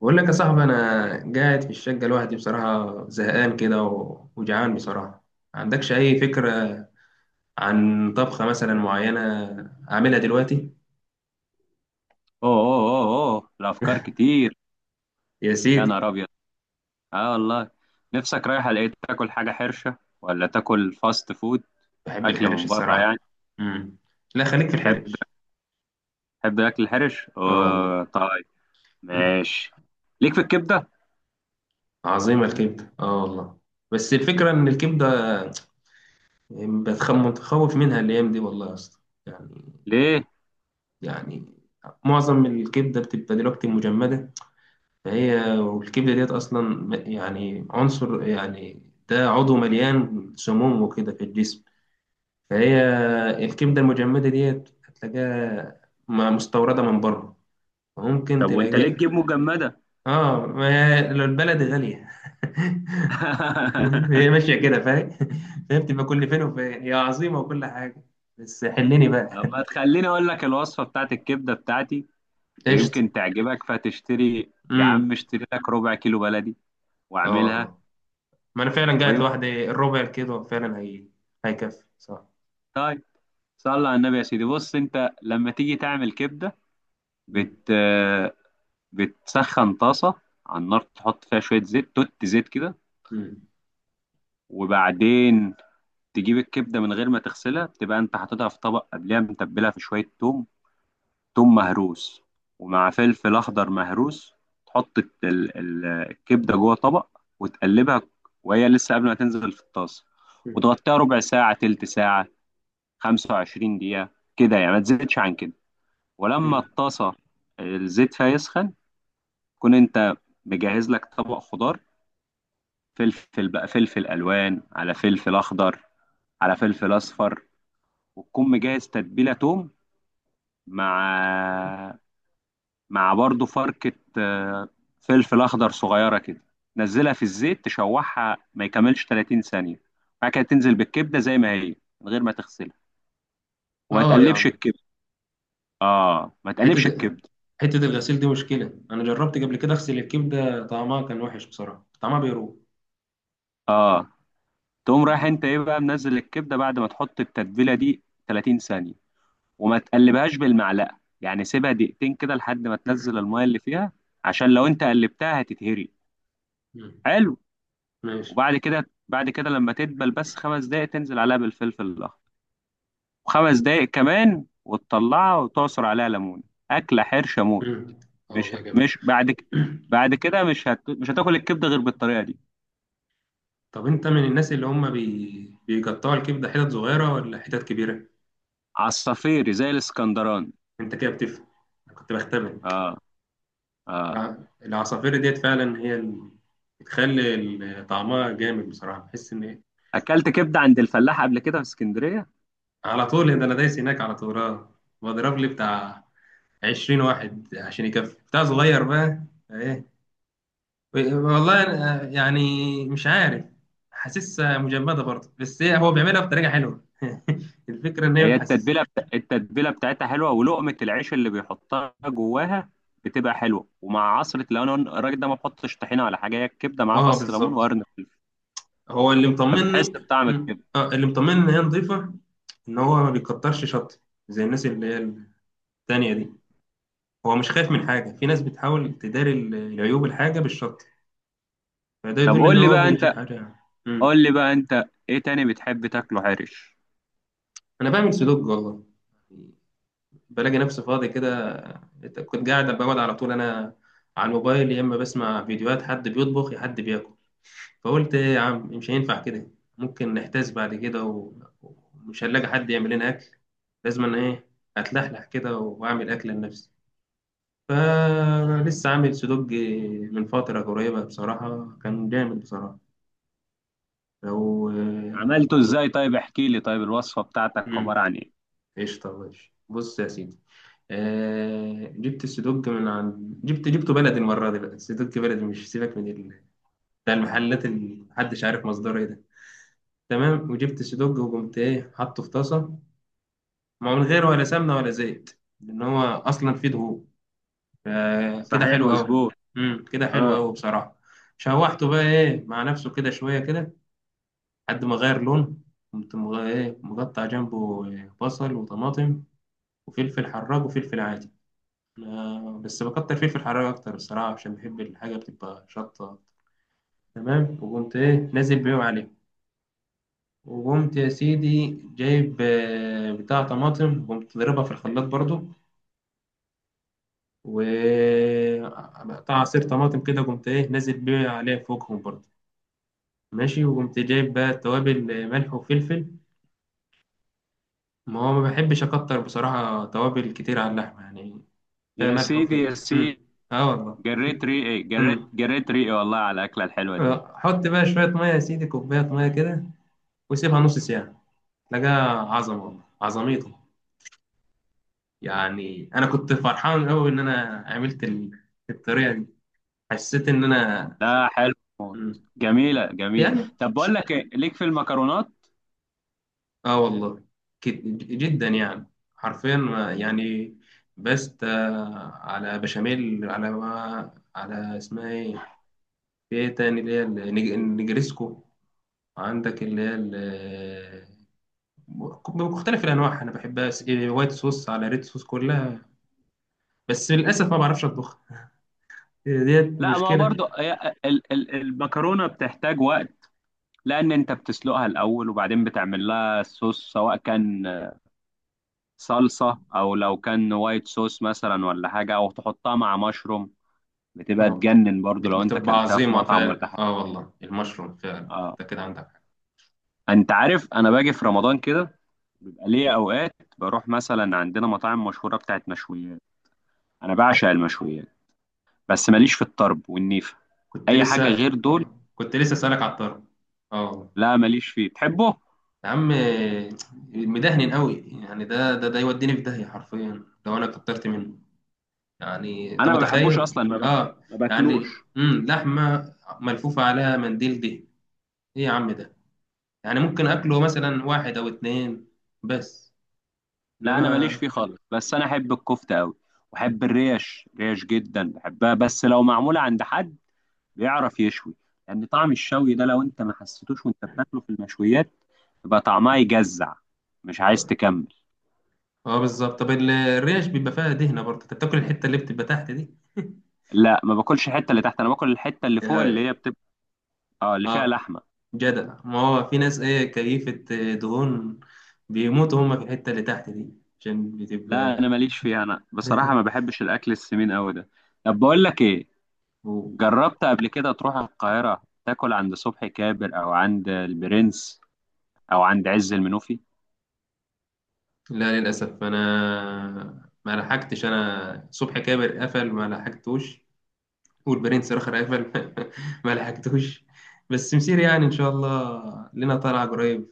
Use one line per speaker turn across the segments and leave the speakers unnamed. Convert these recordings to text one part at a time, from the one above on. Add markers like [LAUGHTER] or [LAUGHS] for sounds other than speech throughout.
بقول لك يا صاحبي، انا قاعد في الشقه لوحدي بصراحه، زهقان كده وجعان بصراحه. ما عندكش اي فكره عن طبخه مثلا معينه اعملها دلوقتي؟
اوه، اوه، اوه، اوه، الافكار كتير.
يا
يا
سيدي.
نهار ابيض! اه والله. نفسك رايحه لقيت تاكل حاجه حرشه ولا تاكل فاست فود؟
بحب
اكل
الحرش
من بره يعني؟
الصراحه. امم لا، خليك في
تحب
الحرش.
تحب الاكل الحرش؟
اه والله.
اوه طيب،
[CLEARS THROAT]
ماشي. ليك في الكبده؟
عظيمه الكبده، اه والله. بس الفكره ان الكبده بتخم، متخوف منها الايام دي والله يا اسطى. يعني
ليه؟
يعني معظم الكبده بتبقى دلوقتي مجمده، فهي والكبدة ديت أصلا يعني عنصر، يعني ده عضو مليان سموم وكده في الجسم. فهي الكبدة المجمدة ديت هتلاقيها مستوردة من بره، ممكن
طب وانت ليه
تلاقي.
تجيب مجمده؟
اه، ما هي لو البلد غالية. [LAUGHS] هي
[LAUGHS]
ماشية كده، فاهم. [LAUGHS] فهي بتبقى كل فين وفين هي عظيمة وكل حاجة، بس حلني بقى.
طب ما تخليني اقول لك الوصفه بتاعت الكبده بتاعتي،
قشطة.
ويمكن تعجبك فتشتري. يا عم
امم
اشتري لك ربع كيلو بلدي
اه
واعملها.
والله، ما انا فعلا قاعد
ويمكن
لوحدي، الربع كده فعلا هي هيكفي، صح.
طيب، صلى على النبي يا سيدي. بص انت لما تيجي تعمل كبده،
مم.
بت بتسخن طاسة على النار، تحط فيها شوية زيت، توت زيت كده،
مم.
وبعدين تجيب الكبدة من غير ما تغسلها. بتبقى انت حاططها في طبق قبلها، متبلها في شوية توم، توم مهروس، ومع فلفل أخضر مهروس. تحط الكبدة جوه طبق وتقلبها وهي لسه قبل ما تنزل في الطاسة، وتغطيها ربع ساعة، تلت ساعة، 25 دقيقة كده يعني، ما تزيدش عن كده. ولما
مم.
الطاسة الزيت فيها يسخن، كون انت مجهز لك طبق خضار، فلفل بقى، فلفل الوان، على فلفل اخضر، على فلفل اصفر، وتكون مجهز تتبيله توم مع مع برضه فركه، فلفل اخضر صغيره كده. نزلها في الزيت تشوحها ما يكملش 30 ثانيه، بعد كده تنزل بالكبده زي ما هي من غير ما تغسلها، وما
اه يا
تقلبش
عم.
الكبده. اه، ما
حته
تقلبش الكبده.
حته الغسيل دي مشكله، انا جربت قبل كده اغسل الكبده، طعمها كان وحش بصراحه، طعمها بيروح.
اه، تقوم رايح انت ايه بقى منزل الكبده بعد ما تحط التتبيله دي 30 ثانيه، وما تقلبهاش بالمعلقه، يعني سيبها دقيقتين كده لحد ما تنزل الميه اللي فيها، عشان لو انت قلبتها هتتهري.
مم.
حلو،
ماشي.
وبعد كده بعد كده لما تدبل بس خمس دقايق، تنزل عليها بالفلفل الاخضر وخمس دقايق كمان وتطلعها وتعصر عليها ليمون. اكله حرشه موت.
مم. اه
مش
والله، جامد.
مش بعد ك-
[CLEARS THROAT]
بعد كده مش هتاكل الكبده غير بالطريقه دي.
طب انت من الناس اللي هم بيقطعوا الكبده حتت صغيره ولا حتت كبيره؟
عصافيري زي الاسكندراني.
انت كده بتفهم. أنا كنت بختبرك.
اه، اه،
الع... العصافير ديت فعلا هي اللي بتخلي طعمها جامد بصراحه، بحس ان إيه؟
اكلت كبده عند الفلاح قبل كده في اسكندريه.
على طول. ده انا دايس هناك على طول، اه، بضرب لي بتاع 20 واحد عشان يكفي، بتاع صغير بقى. ايه. والله أنا يعني مش عارف، حاسسها مجمدة برضه، بس هو بيعملها بطريقة حلوة. [LAUGHS] الفكرة ان هي
هي
بحسس.
التتبيله بتاعتها حلوه، ولقمه العيش اللي بيحطها جواها بتبقى حلوه، ومع عصره. لو انا الراجل ده ما بحطش طحينه ولا حاجه، هي الكبده معاها
اه
فص ليمون
بالظبط.
وقرن فلفل،
هو اللي
فبتحس
مطمني.
بطعم
م.
الكبده.
اه، اللي مطمني ان هي نظيفة، ان هو ما بيكترش شط زي الناس اللي هي التانية دي، هو مش خايف من حاجة. في ناس بتحاول تداري العيوب الحاجة بالشط، فده
طب
يدل ان
قول لي
هو
بقى
بيجيب
انت،
حاجة يعني. م.
ايه تاني بتحب تاكله حرش؟
انا بعمل سلوك والله. بلاقي نفسي فاضي كده، كنت قاعد بقعد على طول انا على الموبايل، يا اما بسمع فيديوهات حد بيطبخ يا حد بياكل. فقلت ايه يا عم، مش هينفع كده، ممكن نحتاس بعد كده ومش هنلاقي حد يعمل لنا اكل، لازم انا ايه اتلحلح كده واعمل اكل لنفسي. فلسه عامل سدوج من فترة قريبة، بصراحة كان جامد بصراحة. لو
عملته ازاي؟ طيب احكي لي، طيب الوصفه بتاعتك
مم،
عباره عن ايه؟
قشطة ماشي، بص يا سيدي. آه جبت السدوج من عند، جبته بلدي المرة دي بقى، السدوج بلدي مش سيبك من بتاع المحلات اللي محدش عارف مصدره ايه ده. تمام. وجبت السدوج وقمت ايه حاطه في طاسة، ما من غير ولا سمنة ولا زيت لأن هو أصلا فيه دهون، فكده
صحيح،
حلو أوي.
مظبوط.
كده حلو
اه
أوي بصراحة. شوحته بقى ايه مع نفسه كده شوية كده لحد ما غير لون، قمت ايه مقطع جنبه بصل وطماطم وفلفل حراج وفلفل عادي. بس بكتر فيه في الحرارة أكتر الصراحة عشان بحب الحاجة بتبقى شطة. تمام. وقمت إيه نازل بيهم عليه، وقمت يا سيدي جايب بتاع طماطم وقمت ضربها في الخلاط برضو، وقطع عصير طماطم كده قمت إيه نازل بيه عليه فوقهم برضو. ماشي. وقمت جايب بقى توابل، ملح وفلفل، ما هو ما بحبش أكتر بصراحة توابل كتير على اللحمة يعني، فيها
يا
ملح
سيدي،
وفلفل.
يا سيدي،
أه والله. أمم
جريت ريقي والله على الاكله الحلوه دي.
حط بقى شوية مية يا سيدي، كوباية مية كده، وسيبها نص ساعة. لقاها عظمة والله، عظميته يعني. أنا كنت فرحان أوي إن أنا عملت الطريقة دي، حسيت إن أنا.
لا، حلو موت.
مم.
جميله، جميله.
يعني.
طب بقول لك ايه، ليك في المكرونات؟
آه والله جدا يعني، حرفيا يعني بست على بشاميل، على، ما على اسمها إيه؟ في إيه تاني اللي هي النجريسكو؟ عندك اللي هي بمختلف الأنواع، أنا بحبها وايت صوص على ريد صوص كلها. بس للأسف ما بعرفش أطبخ، هي ديت
لا، ما هو
مشكلة.
برضو المكرونة بتحتاج وقت، لأن أنت بتسلقها الأول وبعدين بتعمل لها صوص، سواء كان صلصة أو لو كان وايت صوص مثلا ولا حاجة، أو تحطها مع مشروم. بتبقى
اه
تجنن برضو لو أنت
بتبقى
كلتها في
عظيمة
مطعم ولا
فعلا،
حاجة.
اه والله، المشروم فعلا
آه.
انت كده عندك حق.
أنت عارف أنا باجي في رمضان كده، بيبقى ليا أوقات بروح مثلا عندنا مطاعم مشهورة بتاعت مشويات. أنا بعشق المشويات، بس ماليش في الطرب والنيفة،
كنت
أي حاجة
لسه
غير دول.
كنت لسه اسألك على الطرب. اه والله.
لا ماليش فيه، تحبه؟
يا عم، مدهن قوي يعني، ده يوديني في داهية حرفيا لو انا كترت منه. يعني انت
انا ما بحبوش
متخيل،
اصلا،
اه
ما باكلوش.
يعني لحمة ملفوفة عليها منديل دهن، ايه يا عم ده، يعني ممكن اكله مثلا واحد او اتنين بس،
لا، انا
انما.
ماليش فيه خالص، بس انا احب الكفته قوي، واحب الريش، ريش جدا بحبها، بس لو معموله عند حد بيعرف يشوي، لان يعني طعم الشوي ده لو انت ما حسيتوش وانت بتاكله في المشويات، يبقى طعمها يجزع، مش عايز تكمل.
اه بالظبط. طب الريش بيبقى فيها دهنه برضه، انت بتاكل الحته اللي بتبقى تحت دي؟
لا ما باكلش الحته اللي تحت، انا باكل الحته اللي فوق،
اه.
اللي هي بتبقى، اه اللي فيها
آه،
لحمه.
جدع. ما هو في ناس ايه كيفه دهون، بيموتوا هم في الحته اللي تحت دي عشان
لا انا
بتبقى.
ماليش فيها، انا بصراحه ما
[LAUGHS]
بحبش الاكل السمين قوي ده. طب بقول لك ايه،
و-
جربت قبل كده تروح القاهرة تاكل عند صبحي كابر، أو عند البرنس، أو عند عز المنوفي؟
لا للاسف، انا ما لحقتش، انا صبح كابر قفل ما لحقتوش، والبرنس الاخر قفل. [LAUGHS] ما لحقتوش، بس مسير يعني ان شاء الله لنا طالعه قريب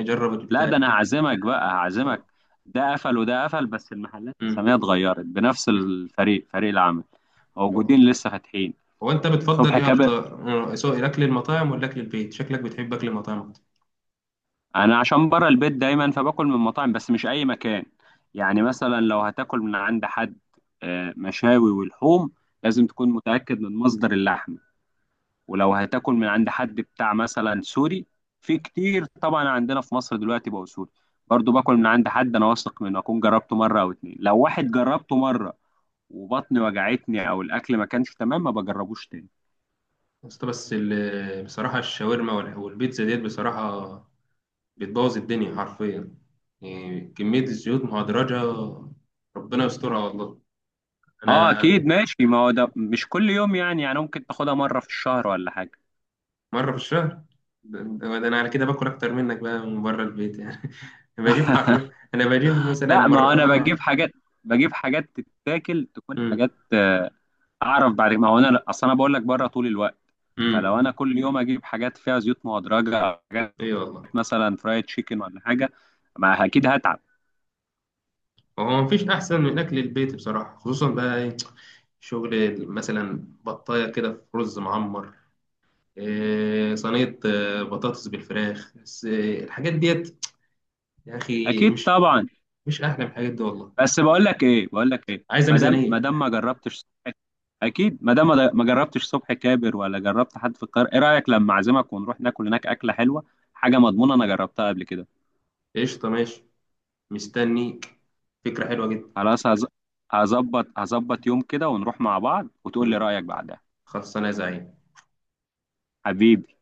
نجرب
لا،
البتاع
ده
دي.
أنا هعزمك بقى،
خلصان.
هعزمك. ده قفل وده قفل، بس المحلات
مم.
أساميها اتغيرت، بنفس الفريق، فريق العمل
مم.
موجودين لسه فاتحين.
هو انت بتفضل
صبحي
ايه
كابر.
اكتر؟ سواء الاكل المطاعم ولا اكل البيت، شكلك بتحب اكل المطاعم اكتر.
أنا عشان بره البيت دايما فباكل من مطاعم، بس مش أي مكان. يعني مثلا لو هتاكل من عند حد، مشاوي ولحوم، لازم تكون متأكد من مصدر اللحم. ولو هتاكل من عند حد بتاع مثلا سوري، في كتير طبعا عندنا في مصر دلوقتي بقوا سوري، برضو باكل من عند حد انا واثق منه، اكون جربته مره او اتنين. لو واحد جربته مره وبطني وجعتني، او الاكل ما كانش تمام، ما بجربوش تاني.
بس بصراحه الشاورما والبيتزا ديت بصراحه بتبوظ الدنيا حرفيا، يعني كميه الزيوت مهدرجه ربنا يسترها والله.
اه
انا
اكيد، ماشي. ما هو ده مش كل يوم يعني، يعني ممكن تاخدها مره في الشهر ولا حاجه.
مره في الشهر؟ ده ده انا على كده باكل اكتر منك بقى من بره البيت يعني. [LAUGHS] بجيب حرفيا انا بجيب مثلا
لا، ما
مره،
انا بجيب
اه.
حاجات، بجيب حاجات تتاكل، تكون
امم
حاجات اعرف، بعد ما هو انا اصل انا بقول لك بره طول الوقت،
امم
فلو انا كل يوم اجيب حاجات فيها زيوت مهدرجه،
اي والله.
مثلا فرايد تشيكن ولا حاجه، ما اكيد هتعب.
هو مفيش أحسن من أكل البيت بصراحة، خصوصا بقى إيه، شغل مثلا بطاية كده في رز معمر، إيه صينية، بطاطس بالفراخ، بس إيه الحاجات ديت يا أخي،
اكيد
مش
طبعا.
مش أحلى من الحاجات دي والله.
بس بقول لك ايه،
عايزة
ما دام ما
ميزانية.
دام ما جربتش، اكيد ما دام ما جربتش صبحي كابر، ولا جربت حد في القاهره، ايه رايك لما اعزمك ونروح ناكل هناك اكله حلوه، حاجه مضمونه، انا جربتها قبل كده.
قشطة ماشي، مستنيك، فكرة حلوة جدا.
خلاص، هظبط، يوم كده ونروح مع بعض وتقول لي
مم.
رايك بعدها.
خلاص، أنا زعيم.
حبيبي.